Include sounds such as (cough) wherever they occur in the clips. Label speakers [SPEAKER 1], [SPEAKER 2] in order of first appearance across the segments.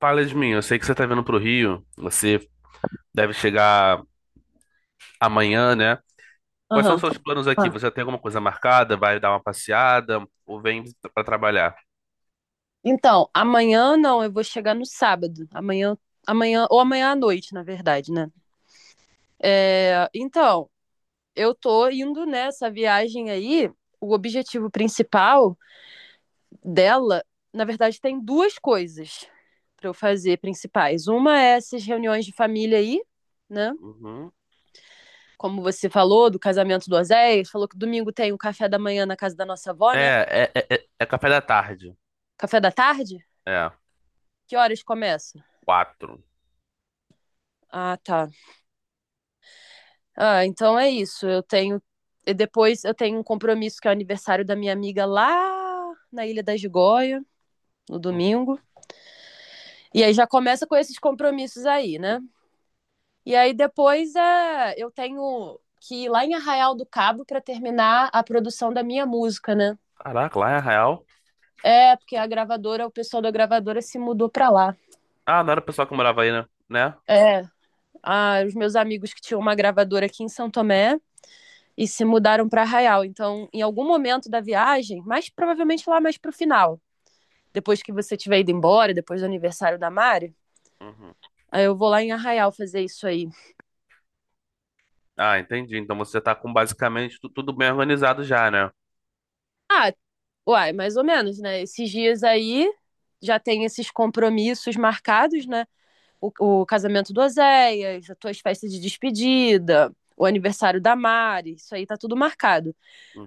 [SPEAKER 1] Fala de mim, eu sei que você tá vindo pro Rio, você deve chegar amanhã, né? Quais são os
[SPEAKER 2] Aham.
[SPEAKER 1] seus planos aqui?
[SPEAKER 2] Ah.
[SPEAKER 1] Você tem alguma coisa marcada? Vai dar uma passeada? Ou vem pra trabalhar?
[SPEAKER 2] Então, amanhã não, eu vou chegar no sábado. Amanhã, amanhã, ou amanhã à noite, na verdade, né? É, então, eu tô indo nessa viagem aí. O objetivo principal dela, na verdade, tem duas coisas para eu fazer principais. Uma é essas reuniões de família aí, né?
[SPEAKER 1] Uhum.
[SPEAKER 2] Como você falou, do casamento do Oséias, falou que domingo tem o café da manhã na casa da nossa avó, né?
[SPEAKER 1] É, é café da tarde.
[SPEAKER 2] Café da tarde?
[SPEAKER 1] É,
[SPEAKER 2] Que horas começa?
[SPEAKER 1] quatro.
[SPEAKER 2] Ah, tá. Ah, então é isso. Eu tenho. E depois eu tenho um compromisso que é o aniversário da minha amiga lá na Ilha da Gigoia, no
[SPEAKER 1] Uhum.
[SPEAKER 2] domingo. E aí já começa com esses compromissos aí, né? E aí depois eu tenho que ir lá em Arraial do Cabo para terminar a produção da minha música, né?
[SPEAKER 1] Caraca, lá é Arraial?
[SPEAKER 2] É, porque a gravadora, o pessoal da gravadora se mudou para lá.
[SPEAKER 1] Ah, não era o pessoal que morava aí, né? Né?
[SPEAKER 2] É, ah, os meus amigos que tinham uma gravadora aqui em São Tomé e se mudaram para Arraial. Então, em algum momento da viagem, mas provavelmente lá mais pro final, depois que você tiver ido embora, depois do aniversário da Mari,
[SPEAKER 1] Uhum.
[SPEAKER 2] aí eu vou lá em Arraial fazer isso aí.
[SPEAKER 1] Ah, entendi. Então você tá com basicamente tudo bem organizado já, né?
[SPEAKER 2] Ah, uai, mais ou menos, né? Esses dias aí já tem esses compromissos marcados, né? O casamento do Oséias, as tuas festas de despedida, o aniversário da Mari, isso aí tá tudo marcado.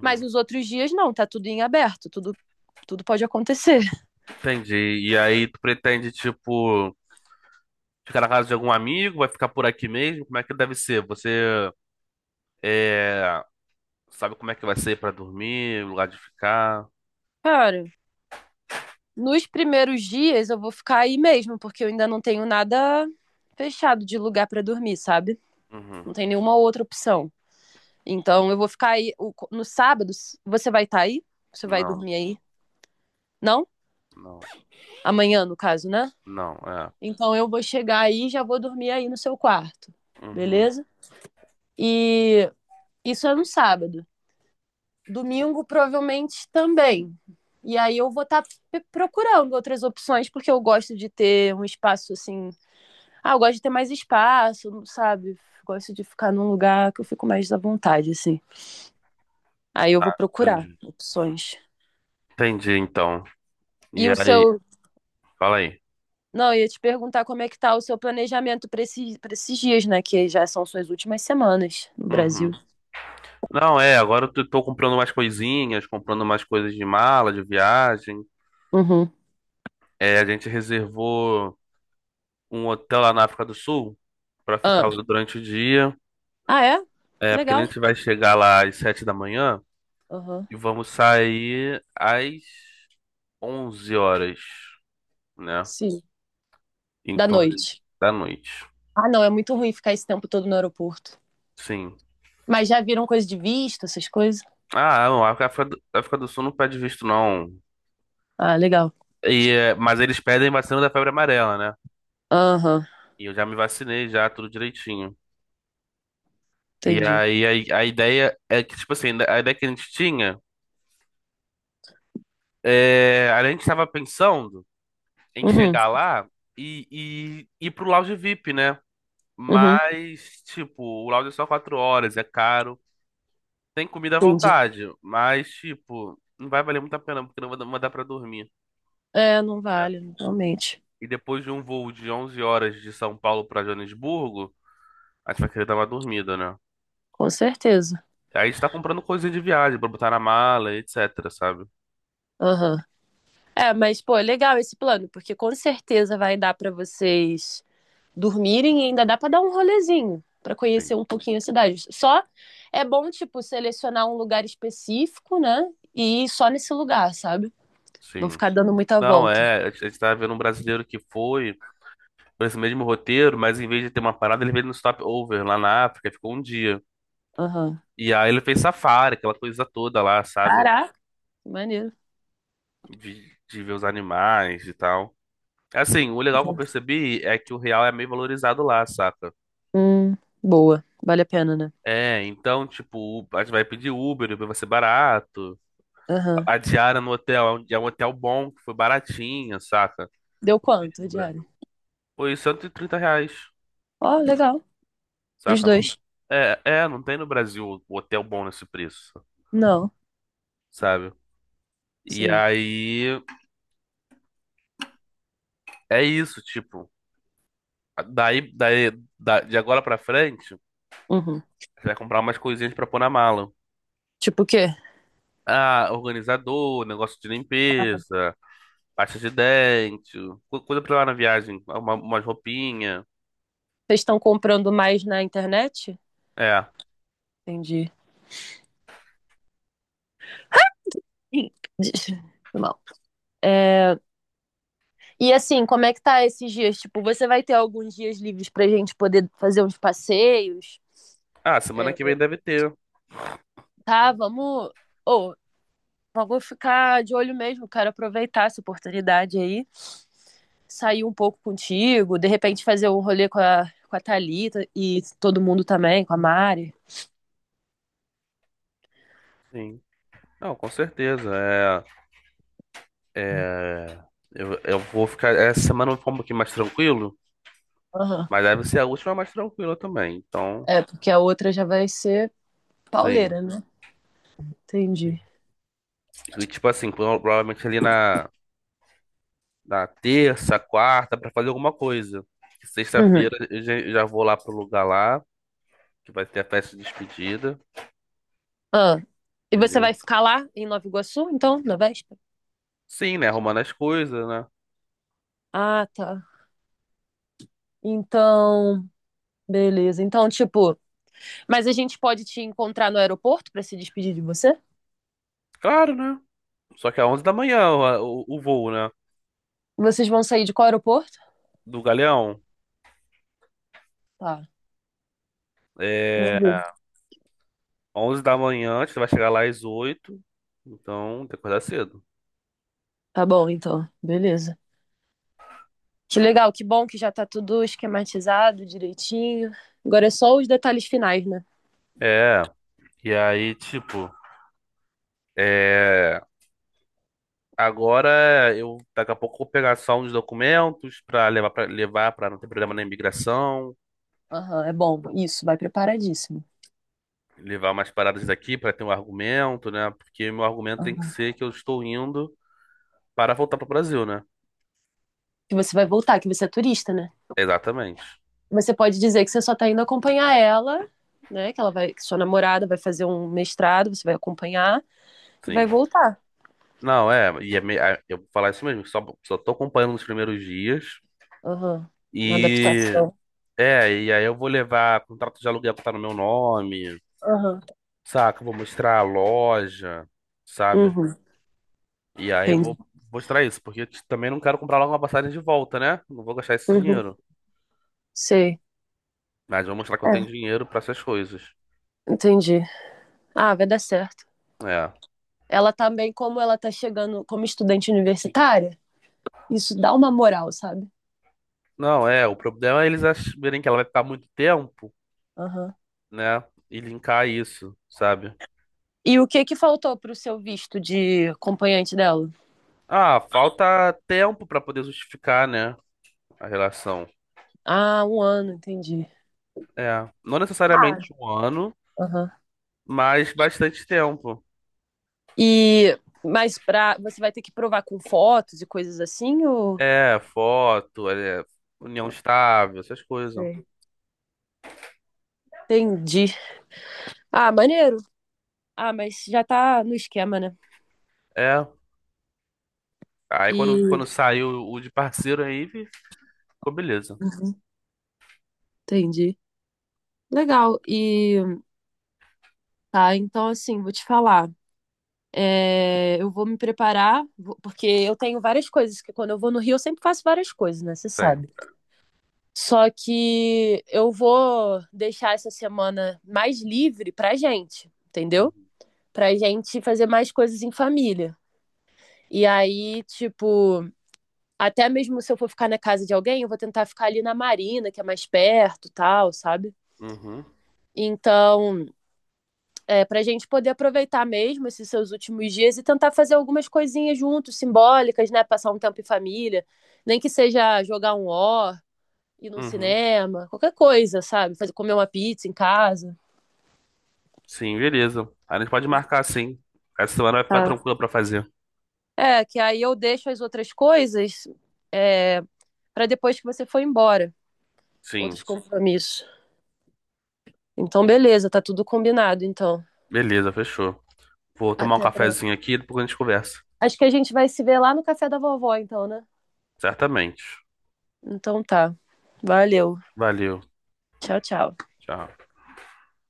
[SPEAKER 2] Mas os outros dias não, tá tudo em aberto, tudo, tudo pode acontecer. (laughs)
[SPEAKER 1] Entendi. E aí tu pretende, tipo, ficar na casa de algum amigo? Vai ficar por aqui mesmo? Como é que deve ser? Você. É, sabe como é que vai ser pra dormir, lugar de ficar?
[SPEAKER 2] Cara, nos primeiros dias eu vou ficar aí mesmo, porque eu ainda não tenho nada fechado de lugar para dormir, sabe?
[SPEAKER 1] Uhum.
[SPEAKER 2] Não tem nenhuma outra opção. Então eu vou ficar aí. No sábado, você vai estar aí? Você vai
[SPEAKER 1] Não,
[SPEAKER 2] dormir aí? Não?
[SPEAKER 1] não,
[SPEAKER 2] Amanhã, no caso, né?
[SPEAKER 1] não, é.
[SPEAKER 2] Então eu vou chegar aí e já vou dormir aí no seu quarto.
[SPEAKER 1] Uhum.
[SPEAKER 2] Beleza? E isso é no sábado. Domingo, provavelmente também. E aí eu vou estar procurando outras opções, porque eu gosto de ter um espaço assim. Ah, eu gosto de ter mais espaço, sabe? Gosto de ficar num lugar que eu fico mais à vontade, assim. Aí eu vou
[SPEAKER 1] Ah,
[SPEAKER 2] procurar
[SPEAKER 1] entendi.
[SPEAKER 2] opções.
[SPEAKER 1] Entendi, então.
[SPEAKER 2] E
[SPEAKER 1] E
[SPEAKER 2] o seu.
[SPEAKER 1] aí, fala aí.
[SPEAKER 2] Não, eu ia te perguntar como é que tá o seu planejamento para para esses dias, né? Que já são suas últimas semanas no Brasil.
[SPEAKER 1] Uhum. Não, é, agora eu tô comprando mais coisinhas, comprando mais coisas de mala, de viagem.
[SPEAKER 2] Uhum.
[SPEAKER 1] É, a gente reservou um hotel lá na África do Sul pra ficar
[SPEAKER 2] Ah,
[SPEAKER 1] durante o dia.
[SPEAKER 2] ah é?
[SPEAKER 1] É, porque a
[SPEAKER 2] Legal.
[SPEAKER 1] gente vai chegar lá às 7 da manhã
[SPEAKER 2] Aham.
[SPEAKER 1] e vamos sair às 11 horas, né?
[SPEAKER 2] Sim. Da
[SPEAKER 1] Então, é
[SPEAKER 2] noite.
[SPEAKER 1] da noite.
[SPEAKER 2] Ah, não, é muito ruim ficar esse tempo todo no aeroporto.
[SPEAKER 1] Sim.
[SPEAKER 2] Mas já viram coisa de visto, essas coisas?
[SPEAKER 1] Ah, não, a África do Sul não pede visto, não.
[SPEAKER 2] Ah, legal.
[SPEAKER 1] E, é, mas eles pedem vacina da febre amarela, né?
[SPEAKER 2] Aham,
[SPEAKER 1] E eu já me vacinei, já, tudo direitinho. E
[SPEAKER 2] entendi.
[SPEAKER 1] aí a ideia é que, tipo assim, a ideia que a gente tinha, é, a gente estava pensando em
[SPEAKER 2] Uhum,
[SPEAKER 1] chegar lá e, e ir pro lounge VIP, né?
[SPEAKER 2] uhum,
[SPEAKER 1] Mas, tipo, o lounge é só 4 horas, é caro. Tem comida à
[SPEAKER 2] entendi.
[SPEAKER 1] vontade, mas, tipo, não vai valer muito a pena, porque não vai mandar pra dormir,
[SPEAKER 2] É, não
[SPEAKER 1] né?
[SPEAKER 2] vale, realmente.
[SPEAKER 1] E depois de um voo de 11 horas de São Paulo pra Joanesburgo, a gente vai querer dar uma dormida, né?
[SPEAKER 2] Com certeza.
[SPEAKER 1] Aí a gente tá comprando coisinha de viagem pra botar na mala, etc, sabe?
[SPEAKER 2] Aham. É, mas, pô, é legal esse plano, porque com certeza vai dar pra vocês dormirem e ainda dá para dar um rolezinho, para conhecer
[SPEAKER 1] Sim,
[SPEAKER 2] um pouquinho a cidade. Só é bom, tipo, selecionar um lugar específico, né? E ir só nesse lugar, sabe? Não
[SPEAKER 1] sim.
[SPEAKER 2] ficar dando muita
[SPEAKER 1] Não,
[SPEAKER 2] volta.
[SPEAKER 1] é, a gente tá vendo um brasileiro que foi por esse mesmo roteiro, mas em vez de ter uma parada, ele veio no stopover lá na África, ficou um dia.
[SPEAKER 2] Aham.
[SPEAKER 1] E aí ele fez safari, aquela coisa toda lá, sabe?
[SPEAKER 2] Caraca, maneiro.
[SPEAKER 1] De ver os animais e tal. Assim, o legal que eu percebi é que o real é meio valorizado lá, saca?
[SPEAKER 2] Hum, boa. Vale a pena, né?
[SPEAKER 1] É, então, tipo, a gente vai pedir Uber, Uber vai ser barato.
[SPEAKER 2] Aham.
[SPEAKER 1] A diária no hotel é um hotel bom, que foi baratinha, saca?
[SPEAKER 2] Deu
[SPEAKER 1] Não tem
[SPEAKER 2] quanto a
[SPEAKER 1] no
[SPEAKER 2] diária?
[SPEAKER 1] Brasil. Foi R$ 130,
[SPEAKER 2] Ó, legal. Pros
[SPEAKER 1] saca?
[SPEAKER 2] dois.
[SPEAKER 1] Não, é, não tem no Brasil o hotel bom nesse preço,
[SPEAKER 2] Não.
[SPEAKER 1] sabe? E
[SPEAKER 2] Sim.
[SPEAKER 1] aí, é isso, tipo. Daí, de agora pra frente,
[SPEAKER 2] Uhum.
[SPEAKER 1] você vai comprar umas coisinhas pra pôr na mala.
[SPEAKER 2] Tipo o quê?
[SPEAKER 1] Ah, organizador, negócio de limpeza, pasta de dente, coisa pra lá na viagem, umas roupinhas.
[SPEAKER 2] Vocês estão comprando mais na internet?
[SPEAKER 1] É.
[SPEAKER 2] Entendi. Ih, (laughs) Foi mal. É, e assim, como é que tá esses dias? Tipo, você vai ter alguns dias livres pra gente poder fazer uns passeios?
[SPEAKER 1] Ah, semana que
[SPEAKER 2] É,
[SPEAKER 1] vem deve ter.
[SPEAKER 2] tá, vamos. Ô, vamos ficar de olho mesmo, quero aproveitar essa oportunidade aí, sair um pouco contigo, de repente fazer um rolê com a Thalita e todo mundo também, com a Mari.
[SPEAKER 1] Sim. Não, com certeza. É, eu vou ficar. Essa semana eu vou ficar um pouquinho mais tranquilo,
[SPEAKER 2] Aham.
[SPEAKER 1] mas deve ser a última mais tranquila também. Então,
[SPEAKER 2] É, porque a outra já vai ser
[SPEAKER 1] sim.
[SPEAKER 2] pauleira, né?
[SPEAKER 1] Sim.
[SPEAKER 2] Entendi.
[SPEAKER 1] E tipo assim, provavelmente ali na terça, quarta, pra fazer alguma coisa.
[SPEAKER 2] Uhum.
[SPEAKER 1] Sexta-feira eu já vou lá pro lugar lá, que vai ter a festa de despedida,
[SPEAKER 2] Ah, e você vai
[SPEAKER 1] entendeu?
[SPEAKER 2] ficar lá em Nova Iguaçu, então, na véspera?
[SPEAKER 1] Sim, né? Arrumando as coisas, né?
[SPEAKER 2] Ah, tá. Então, beleza. Então, tipo, mas a gente pode te encontrar no aeroporto pra se despedir de você?
[SPEAKER 1] Claro, né? Só que é 11 da manhã o voo, né?
[SPEAKER 2] Vocês vão sair de qual aeroporto?
[SPEAKER 1] Do Galeão.
[SPEAKER 2] Tá.
[SPEAKER 1] É.
[SPEAKER 2] Meu.
[SPEAKER 1] 11 da manhã, você vai chegar lá às 8, então tem que acordar cedo.
[SPEAKER 2] Tá bom, então. Beleza. Que legal, que bom que já tá tudo esquematizado direitinho. Agora é só os detalhes finais, né?
[SPEAKER 1] É, e aí, tipo, é, agora eu daqui a pouco vou pegar só uns documentos pra levar para não ter problema na imigração,
[SPEAKER 2] Aham, é bom. Isso, vai preparadíssimo.
[SPEAKER 1] levar umas paradas daqui pra ter um argumento, né? Porque meu argumento tem que
[SPEAKER 2] Aham.
[SPEAKER 1] ser que eu estou indo para voltar pro Brasil, né?
[SPEAKER 2] Que você vai voltar, que você é turista, né?
[SPEAKER 1] Exatamente.
[SPEAKER 2] Você pode dizer que você só tá indo acompanhar ela, né? Que ela vai, que sua namorada vai fazer um mestrado, você vai acompanhar e
[SPEAKER 1] Sim.
[SPEAKER 2] vai voltar.
[SPEAKER 1] Não, é, e é, eu vou falar isso mesmo, só tô acompanhando nos primeiros dias.
[SPEAKER 2] Aham. Na
[SPEAKER 1] E
[SPEAKER 2] adaptação.
[SPEAKER 1] É, e aí eu vou levar contrato de aluguel que tá no meu nome,
[SPEAKER 2] Aham.
[SPEAKER 1] saca? Eu vou mostrar a loja, sabe?
[SPEAKER 2] Uhum.
[SPEAKER 1] E aí eu vou
[SPEAKER 2] Entendi.
[SPEAKER 1] mostrar isso, porque eu também não quero comprar logo uma passagem de volta, né? Não vou gastar esse
[SPEAKER 2] Uhum.
[SPEAKER 1] dinheiro.
[SPEAKER 2] Sei.
[SPEAKER 1] Mas vou mostrar que eu tenho
[SPEAKER 2] É.
[SPEAKER 1] dinheiro pra essas coisas.
[SPEAKER 2] Entendi. Ah, vai dar certo.
[SPEAKER 1] É.
[SPEAKER 2] Ela também, como ela tá chegando como estudante universitária, isso dá uma moral, sabe?
[SPEAKER 1] Não, é, o problema é eles verem que ela vai ficar muito tempo,
[SPEAKER 2] Aham.
[SPEAKER 1] né? E linkar isso, sabe?
[SPEAKER 2] E o que que faltou pro seu visto de acompanhante dela?
[SPEAKER 1] Ah, falta tempo pra poder justificar, né? A relação.
[SPEAKER 2] Ah, um ano, entendi.
[SPEAKER 1] É, não
[SPEAKER 2] Ah,
[SPEAKER 1] necessariamente um ano,
[SPEAKER 2] aham.
[SPEAKER 1] mas bastante tempo.
[SPEAKER 2] E, mas pra, você vai ter que provar com fotos e coisas assim, ou...
[SPEAKER 1] É, foto, união estável, essas coisas.
[SPEAKER 2] sei. Entendi. Ah, maneiro. Ah, mas já tá no esquema, né?
[SPEAKER 1] É. Aí quando,
[SPEAKER 2] E.
[SPEAKER 1] quando saiu o de parceiro aí, ficou beleza.
[SPEAKER 2] Uhum, entendi. Legal. E tá, então assim, vou te falar. É, eu vou me preparar, porque eu tenho várias coisas, que quando eu vou no Rio eu sempre faço várias coisas, né? Você
[SPEAKER 1] Sim.
[SPEAKER 2] sabe. Só que eu vou deixar essa semana mais livre pra gente, entendeu?
[SPEAKER 1] Uhum.
[SPEAKER 2] Pra gente fazer mais coisas em família. E aí, tipo, até mesmo se eu for ficar na casa de alguém, eu vou tentar ficar ali na Marina, que é mais perto, tal, sabe?
[SPEAKER 1] Uhum.
[SPEAKER 2] Então, é, para a gente poder aproveitar mesmo esses seus últimos dias e tentar fazer algumas coisinhas juntos, simbólicas, né? Passar um tempo em família, nem que seja jogar um ó, ir no
[SPEAKER 1] Uhum.
[SPEAKER 2] cinema, qualquer coisa, sabe? Fazer, comer uma pizza em casa.
[SPEAKER 1] Sim, beleza. A gente pode marcar sim. Essa semana vai ficar
[SPEAKER 2] Tá.
[SPEAKER 1] tranquila pra fazer.
[SPEAKER 2] É, que aí eu deixo as outras coisas é, para depois que você for embora, outros
[SPEAKER 1] Sim.
[SPEAKER 2] compromissos. Então, beleza, tá tudo combinado, então.
[SPEAKER 1] Beleza, fechou. Vou tomar um
[SPEAKER 2] Até breve.
[SPEAKER 1] cafezinho aqui e depois a gente conversa.
[SPEAKER 2] Acho que a gente vai se ver lá no café da vovó, então, né?
[SPEAKER 1] Certamente.
[SPEAKER 2] Então tá. Valeu.
[SPEAKER 1] Valeu.
[SPEAKER 2] Tchau, tchau.
[SPEAKER 1] Tchau.